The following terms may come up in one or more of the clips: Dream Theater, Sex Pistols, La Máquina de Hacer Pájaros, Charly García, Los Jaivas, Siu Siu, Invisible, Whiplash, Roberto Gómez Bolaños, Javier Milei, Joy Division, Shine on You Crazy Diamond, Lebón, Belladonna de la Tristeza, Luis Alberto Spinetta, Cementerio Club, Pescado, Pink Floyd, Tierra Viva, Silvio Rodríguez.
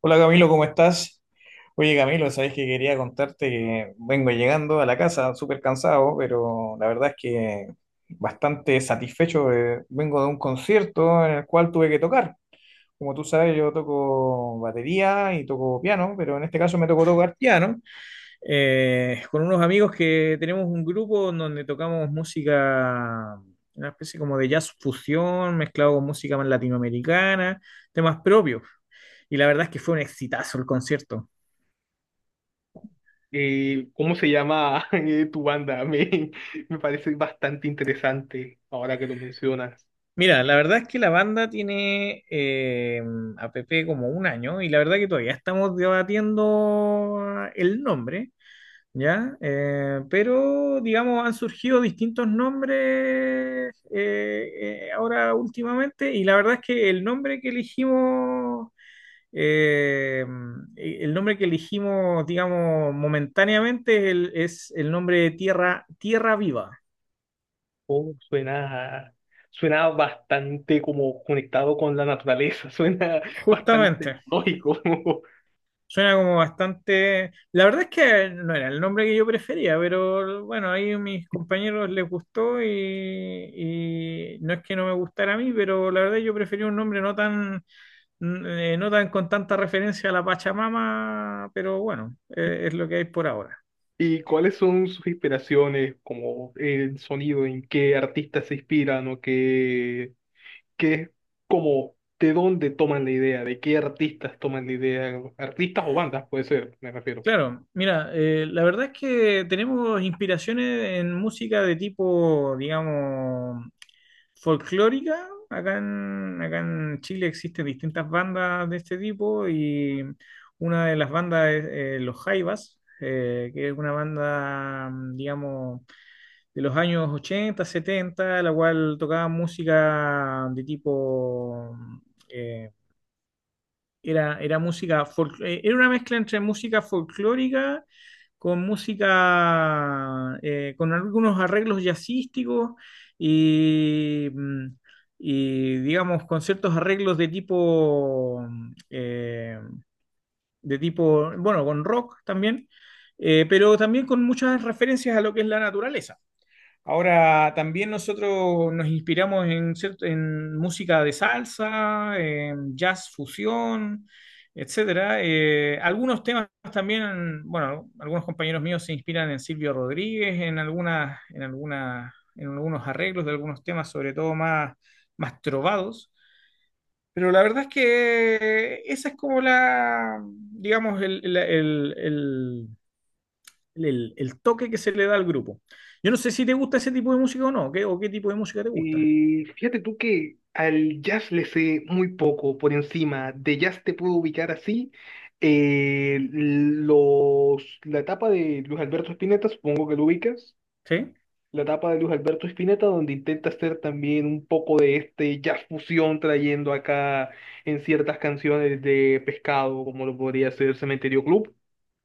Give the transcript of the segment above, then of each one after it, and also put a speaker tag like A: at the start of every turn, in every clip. A: Hola Camilo, ¿cómo estás? Oye Camilo, sabes que quería contarte que vengo llegando a la casa súper cansado, pero la verdad es que bastante satisfecho. Vengo de un concierto en el cual tuve que tocar. Como tú sabes, yo toco batería y toco piano, pero en este caso me tocó tocar piano con unos amigos que tenemos un grupo en donde tocamos música, una especie como de jazz fusión mezclado con música más latinoamericana, temas propios. Y la verdad es que fue un exitazo el concierto.
B: ¿Cómo se llama? ¿Tu banda? Me parece bastante interesante ahora que lo mencionas.
A: Mira, la verdad es que la banda tiene a Pepe como un año y la verdad que todavía estamos debatiendo el nombre. ¿Ya? Pero, digamos, han surgido distintos nombres ahora últimamente y la verdad es que el nombre que elegimos, eh, el nombre que elegimos, digamos, momentáneamente es el nombre de Tierra, Tierra Viva.
B: Oh, suena bastante como conectado con la naturaleza, suena bastante
A: Justamente.
B: lógico.
A: Suena como bastante. La verdad es que no era el nombre que yo prefería, pero bueno, ahí a mis compañeros les gustó y no es que no me gustara a mí, pero la verdad yo prefería un nombre no tan, no tan con tanta referencia a la Pachamama, pero bueno, es lo que hay por ahora.
B: ¿Y cuáles son sus inspiraciones, como el sonido, en qué artistas se inspiran o qué, como, de dónde toman la idea, de qué artistas toman la idea, artistas o bandas puede ser, me refiero.
A: Claro, mira, la verdad es que tenemos inspiraciones en música de tipo, digamos, folclórica. Acá en Chile existen distintas bandas de este tipo y una de las bandas es Los Jaivas, que es una banda, digamos, de los años 80, 70, la cual tocaba música de tipo, eh, era música, era una mezcla entre música folclórica con música, con algunos arreglos jazzísticos y, digamos, con ciertos arreglos de tipo, de tipo, bueno, con rock también, pero también con muchas referencias a lo que es la naturaleza. Ahora, también nosotros nos inspiramos en música de salsa, en jazz fusión, etcétera. Algunos temas también, bueno, algunos compañeros míos se inspiran en Silvio Rodríguez, en algunos arreglos de algunos temas, sobre todo más trovados. Pero la verdad es que esa es como la, digamos, el toque que se le da al grupo. Yo no sé si te gusta ese tipo de música o no, ¿Qué tipo de música te gusta?
B: Y fíjate tú que al jazz le sé muy poco por encima. De jazz te puedo ubicar así. Los, la etapa de Luis Alberto Spinetta, supongo que lo ubicas.
A: ¿Sí?
B: La etapa de Luis Alberto Spinetta, donde intenta hacer también un poco de este jazz fusión, trayendo acá en ciertas canciones de Pescado, como lo podría ser Cementerio Club.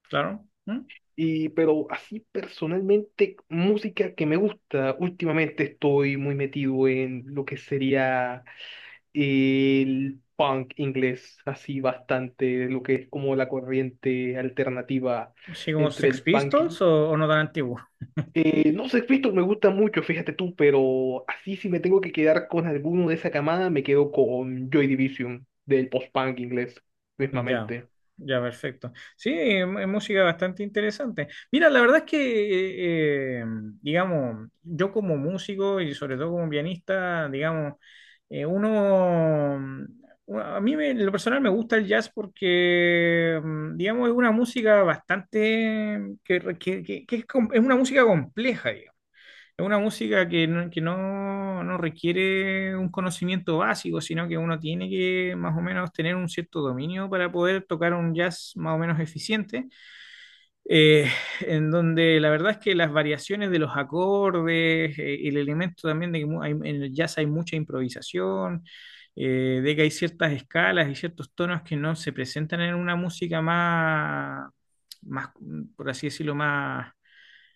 A: Claro. ¿Mm?
B: Y, pero así personalmente, música que me gusta, últimamente estoy muy metido en lo que sería el punk inglés, así bastante, lo que es como la corriente alternativa
A: ¿Así como
B: entre
A: Sex
B: el punking.
A: Pistols o no tan antiguo?
B: No sé, Cristo, me gusta mucho, fíjate tú, pero así si me tengo que quedar con alguno de esa camada, me quedo con Joy Division, del post-punk inglés,
A: Ya,
B: mismamente.
A: ya, perfecto. Sí, es música bastante interesante. Mira, la verdad es que, eh, eh, digamos, yo como músico y sobre todo como pianista, digamos, eh, uno, en lo personal me gusta el jazz porque, digamos, es una música bastante, que es, es una música compleja, digamos. Es una música que no requiere un conocimiento básico, sino que uno tiene que más o menos tener un cierto dominio para poder tocar un jazz más o menos eficiente, eh, en donde la verdad es que las variaciones de los acordes, el elemento también de que en el jazz hay mucha improvisación, de que hay ciertas escalas y ciertos tonos que no se presentan en una música más, más, por así decirlo, más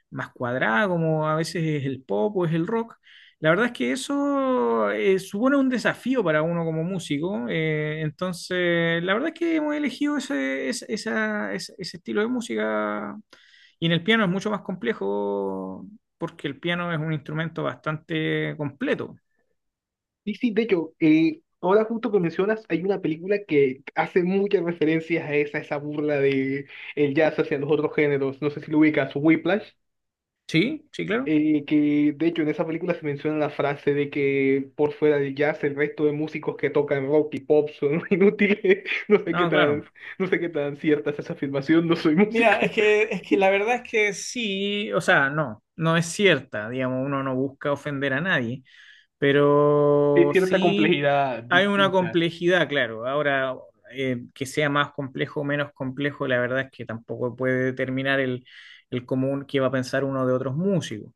A: más cuadrada, como a veces es el pop o es el rock. La verdad es que eso supone un desafío para uno como músico. Entonces, la verdad es que hemos elegido ese estilo de música. Y en el piano es mucho más complejo porque el piano es un instrumento bastante completo.
B: Y sí, de hecho, ahora justo que mencionas, hay una película que hace muchas referencias a esa burla de el jazz hacia los otros géneros. No sé si lo ubicas, Whiplash.
A: Sí, sí, claro.
B: Que de hecho en esa película se menciona la frase de que por fuera del jazz el resto de músicos que tocan rock y pop son inútiles.
A: No, claro.
B: No sé qué tan cierta es esa afirmación, no soy músico.
A: Mira, es que, la verdad es que sí, o sea, no, no es cierta, digamos, uno no busca ofender a nadie.
B: Hay
A: Pero
B: cierta
A: sí
B: complejidad
A: hay una
B: distinta.
A: complejidad, claro. Ahora, que sea más complejo o menos complejo, la verdad es que tampoco puede determinar el, común que va a pensar uno de otros músicos.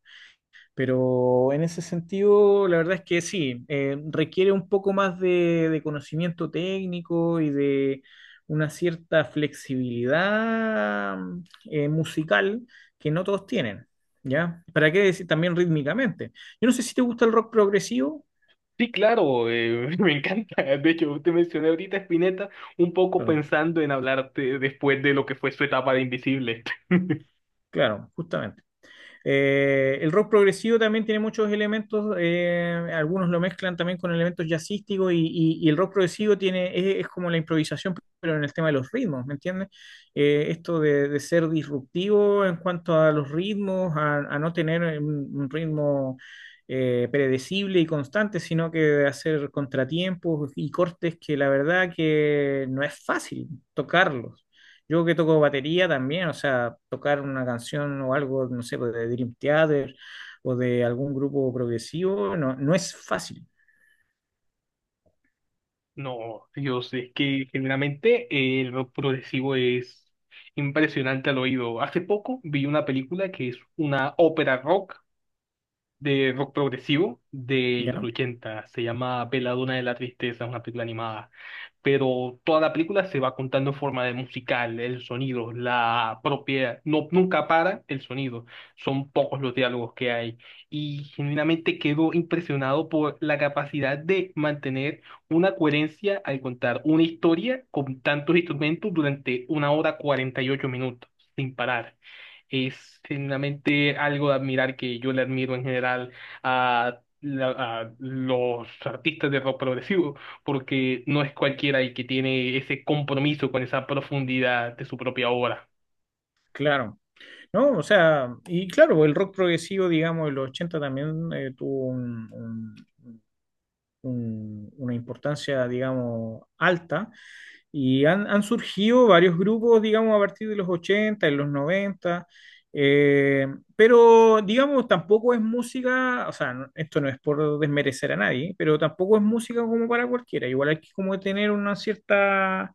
A: Pero en ese sentido, la verdad es que sí, requiere un poco más de conocimiento técnico y de una cierta flexibilidad musical que no todos tienen, ¿ya? ¿Para qué decir también rítmicamente? Yo no sé si te gusta el rock progresivo.
B: Sí, claro, me encanta. De hecho, te mencioné ahorita a Spinetta un poco
A: Claro,
B: pensando en hablarte después de lo que fue su etapa de Invisible.
A: claro, justamente. El rock progresivo también tiene muchos elementos, algunos lo mezclan también con elementos jazzísticos y, y el rock progresivo tiene, es como la improvisación, pero en el tema de los ritmos, ¿me entiendes? Esto de, ser disruptivo en cuanto a los ritmos, a no tener un ritmo predecible y constante, sino que hacer contratiempos y cortes que la verdad que no es fácil tocarlos. Yo que toco batería también, o sea, tocar una canción o algo, no sé, pues, de Dream Theater o de algún grupo progresivo, no, no es fácil,
B: No, Dios, es que generalmente el rock progresivo es impresionante al oído. Hace poco vi una película que es una ópera rock de rock progresivo de los
A: ¿ya?
B: 80. Se llama Belladonna de la Tristeza, una película animada, pero toda la película se va contando en forma de musical, el sonido, la propia, no, nunca para el sonido, son pocos los diálogos que hay y genuinamente quedo impresionado por la capacidad de mantener una coherencia al contar una historia con tantos instrumentos durante 1 hora 48 minutos, sin parar. Es genuinamente algo de admirar que yo le admiro en general a, a los artistas de rock progresivo porque no es cualquiera el que tiene ese compromiso con esa profundidad de su propia obra.
A: Claro. No, o sea, y claro, el rock progresivo, digamos, en los 80 también tuvo una importancia, digamos, alta. Y han surgido varios grupos, digamos, a partir de los 80 en los 90 eh, pero, digamos, tampoco es música, o sea, esto no es por desmerecer a nadie, pero tampoco es música como para cualquiera. Igual hay que como tener una cierta.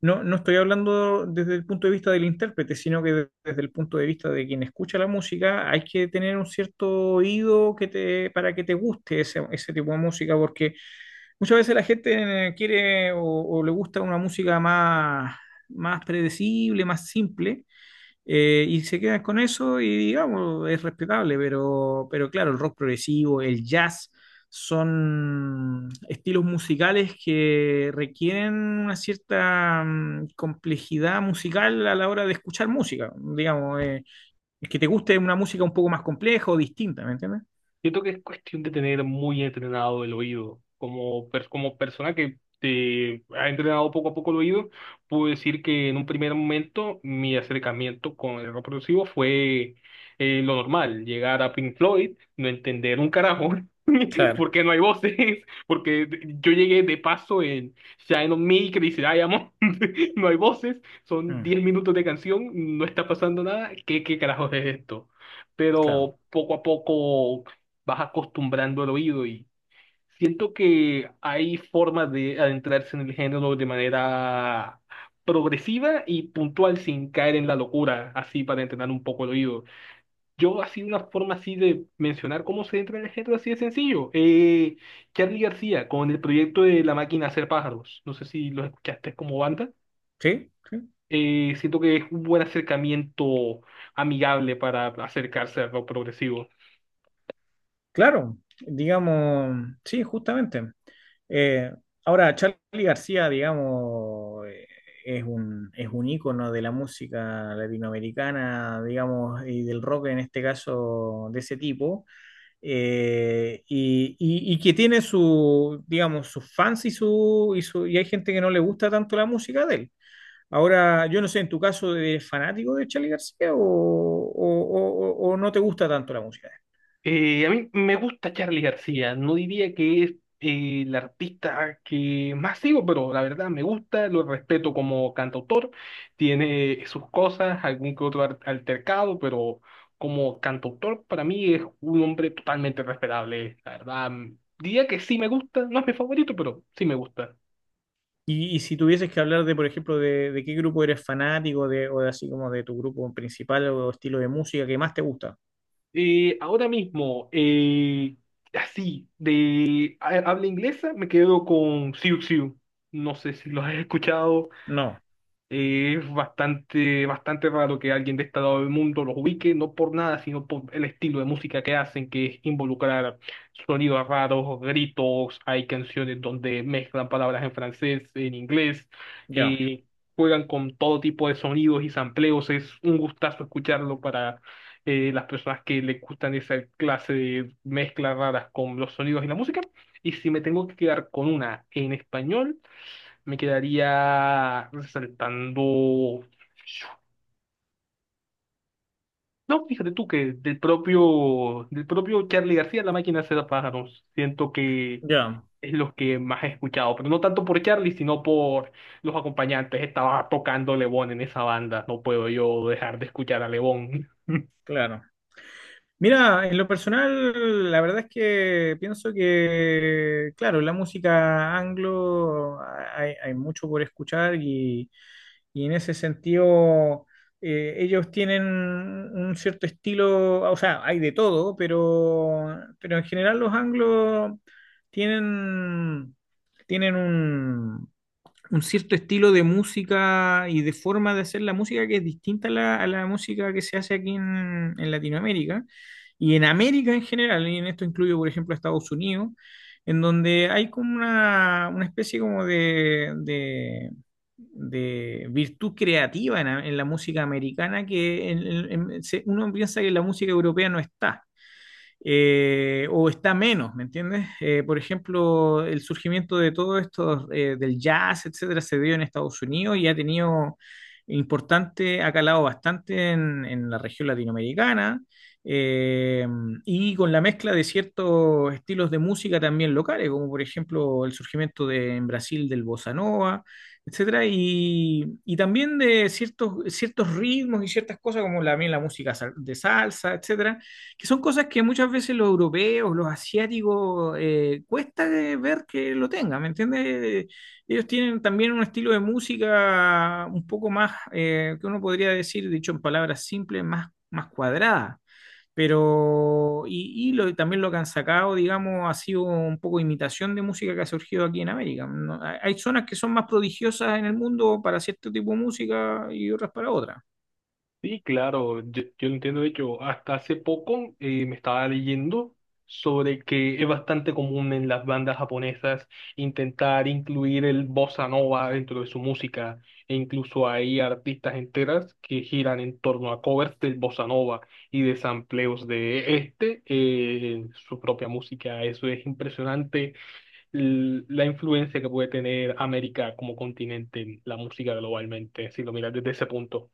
A: No, no estoy hablando desde el punto de vista del intérprete, sino que desde el punto de vista de quien escucha la música, hay que tener un cierto oído para que te guste ese, tipo de música, porque muchas veces la gente quiere o, le gusta una música más predecible, más simple, y se quedan con eso y digamos, es respetable, pero claro, el rock progresivo, el jazz, son estilos musicales que requieren una cierta complejidad musical a la hora de escuchar música, digamos, es que te guste una música un poco más compleja o distinta, ¿me entiendes?
B: Siento que es cuestión de tener muy entrenado el oído. Como, como persona que te ha entrenado poco a poco el oído, puedo decir que en un primer momento mi acercamiento con el rock progresivo fue lo normal, llegar a Pink Floyd, no entender un carajo,
A: Claro,
B: porque no hay voces, porque yo llegué de paso en Shine on Me, Crazy Diamond. No hay voces, son
A: mm,
B: 10 minutos de canción, no está pasando nada. ¿Qué, qué carajos es esto?
A: claro.
B: Pero poco a poco vas acostumbrando el oído y siento que hay formas de adentrarse en el género de manera progresiva y puntual sin caer en la locura, así para entrenar un poco el oído. Yo así una forma así de mencionar cómo se entra en el género así de sencillo. Charly García con el proyecto de La Máquina de Hacer Pájaros. No sé si lo escuchaste como banda.
A: ¿Sí? ¿Sí?
B: Siento que es un buen acercamiento amigable para acercarse al rock progresivo.
A: Claro, digamos, sí, justamente. Eh, Ahora, Charly García, digamos, es un ícono de la música latinoamericana, digamos, y del rock en este caso de ese tipo, y, y que tiene digamos, sus fans y y hay gente que no le gusta tanto la música de él. Ahora, yo no sé, en tu caso, ¿eres fanático de Charly García o no te gusta tanto la música?
B: A mí me gusta Charly García, no diría que es el artista que más sigo, pero la verdad me gusta, lo respeto como cantautor, tiene sus cosas, algún que otro altercado, pero como cantautor para mí es un hombre totalmente respetable, la verdad. Diría que sí me gusta, no es mi favorito, pero sí me gusta.
A: Y si tuvieses que hablar de, por ejemplo, de, qué grupo eres fanático, o de así como de tu grupo principal o estilo de música que más te gusta.
B: Eh, ahora mismo, eh, Así, de habla inglesa, me quedo con Siu Siu. No sé si lo has escuchado.
A: No,
B: Es bastante raro que alguien de este lado del mundo los ubique, no por nada, sino por el estilo de música que hacen, que es involucrar sonidos raros, gritos, hay canciones donde mezclan palabras en francés, en inglés,
A: ya,
B: eh, juegan con todo tipo de sonidos y sampleos, es un gustazo escucharlo para las personas que les gustan esa clase de mezclas raras con los sonidos y la música. Y si me tengo que quedar con una en español, me quedaría resaltando. No, fíjate tú que del propio Charlie García, La Máquina de Hacer Pájaros, siento que
A: ya,
B: es lo que más he escuchado, pero no tanto por Charlie, sino por los acompañantes. Estaba tocando Lebón en esa banda, no puedo yo dejar de escuchar a Lebón.
A: claro. Mira, en lo personal, la verdad es que pienso que, claro, la música anglo hay mucho por escuchar y, en ese sentido, ellos tienen un cierto estilo, o sea, hay de todo, pero, en general los anglos tienen, tienen un cierto estilo de música y de forma de hacer la música que es distinta a la, música que se hace aquí en Latinoamérica y en América en general, y en esto incluyo, por ejemplo, a Estados Unidos, en donde hay como una, especie como de, virtud creativa en la música americana que uno piensa que la música europea no está o está menos, ¿me entiendes? Por ejemplo, el surgimiento de todo esto del jazz, etcétera, se dio en Estados Unidos y ha tenido importante, ha calado bastante en, la región latinoamericana eh, y con la mezcla de ciertos estilos de música también locales, como por ejemplo el surgimiento de, en Brasil del bossa nova, etcétera, y, también de ciertos ritmos y ciertas cosas como también la música de salsa, etcétera, que son cosas que muchas veces los europeos, los asiáticos, cuesta de ver que lo tengan, ¿me entiendes? Ellos tienen también un estilo de música un poco más, que uno podría decir, dicho en palabras simples, más cuadrada. Pero, y también lo que han sacado, digamos, ha sido un poco imitación de música que ha surgido aquí en América. Hay zonas que son más prodigiosas en el mundo para cierto tipo de música y otras para otras.
B: Sí, claro, yo lo entiendo. De hecho, hasta hace poco me estaba leyendo sobre que es bastante común en las bandas japonesas intentar incluir el bossa nova dentro de su música. E incluso hay artistas enteras que giran en torno a covers del bossa nova y de sampleos de este en su propia música. Eso es impresionante, la influencia que puede tener América como continente en la música globalmente, si lo miras desde ese punto.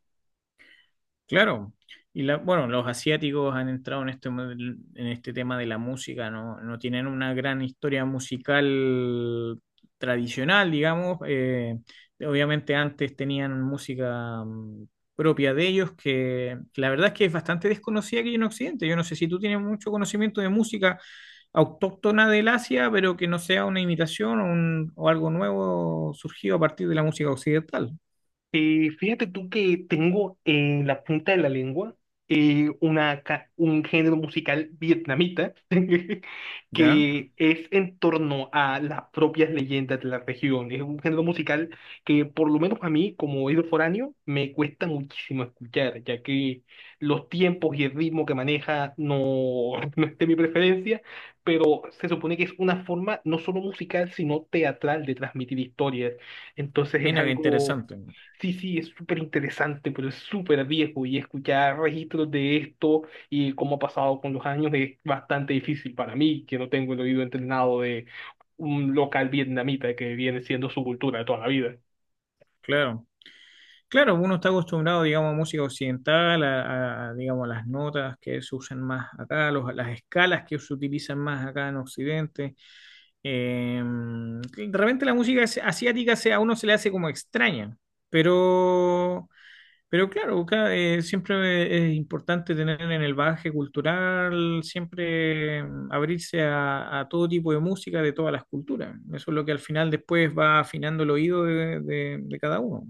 A: Claro, y bueno, los asiáticos han entrado en este, en este tema de la música, no, no tienen una gran historia musical tradicional, digamos. Obviamente antes tenían música propia de ellos, que la verdad es que es bastante desconocida aquí en Occidente. Yo no sé si tú tienes mucho conocimiento de música autóctona del Asia, pero que no sea una imitación o algo nuevo surgido a partir de la música occidental.
B: Fíjate tú que tengo en la punta de la lengua una, un género musical vietnamita
A: ¿Ya?
B: que es en torno a las propias leyendas de la región. Es un género musical que por lo menos a mí, como oído foráneo, me cuesta muchísimo escuchar, ya que los tiempos y el ritmo que maneja no, no es de mi preferencia, pero se supone que es una forma no solo musical, sino teatral de transmitir historias. Entonces es
A: Mira qué
B: algo...
A: interesante,
B: Sí, sí, es súper interesante, pero es súper viejo y escuchar registros de esto y cómo ha pasado con los años es bastante difícil para mí, que no tengo el oído entrenado de un local vietnamita que viene siendo su cultura de toda la vida.
A: claro. Claro, uno está acostumbrado, digamos, a música occidental, digamos, a las notas que se usan más acá, las escalas que se utilizan más acá en Occidente. De repente la música asiática a uno se le hace como extraña, pero, pero claro, acá, siempre es importante tener en el bagaje cultural, siempre abrirse a todo tipo de música de todas las culturas. Eso es lo que al final después va afinando el oído de de cada uno.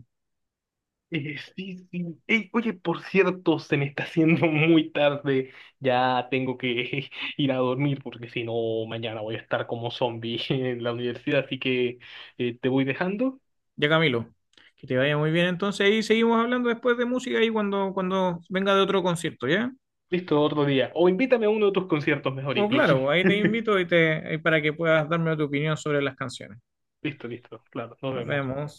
B: Sí, sí. Ey, oye, por cierto, se me está haciendo muy tarde. Ya tengo que ir a dormir porque si no, mañana voy a estar como zombie en la universidad, así que te voy dejando.
A: Ya, Camilo, que te vaya muy bien entonces y seguimos hablando después de música y cuando venga de otro concierto, ¿ya?
B: Listo, otro día. O invítame a uno de tus conciertos mejor
A: O
B: incluso.
A: claro, ahí te invito y para que puedas darme tu opinión sobre las canciones.
B: Listo, listo. Claro, nos
A: Nos
B: vemos.
A: vemos.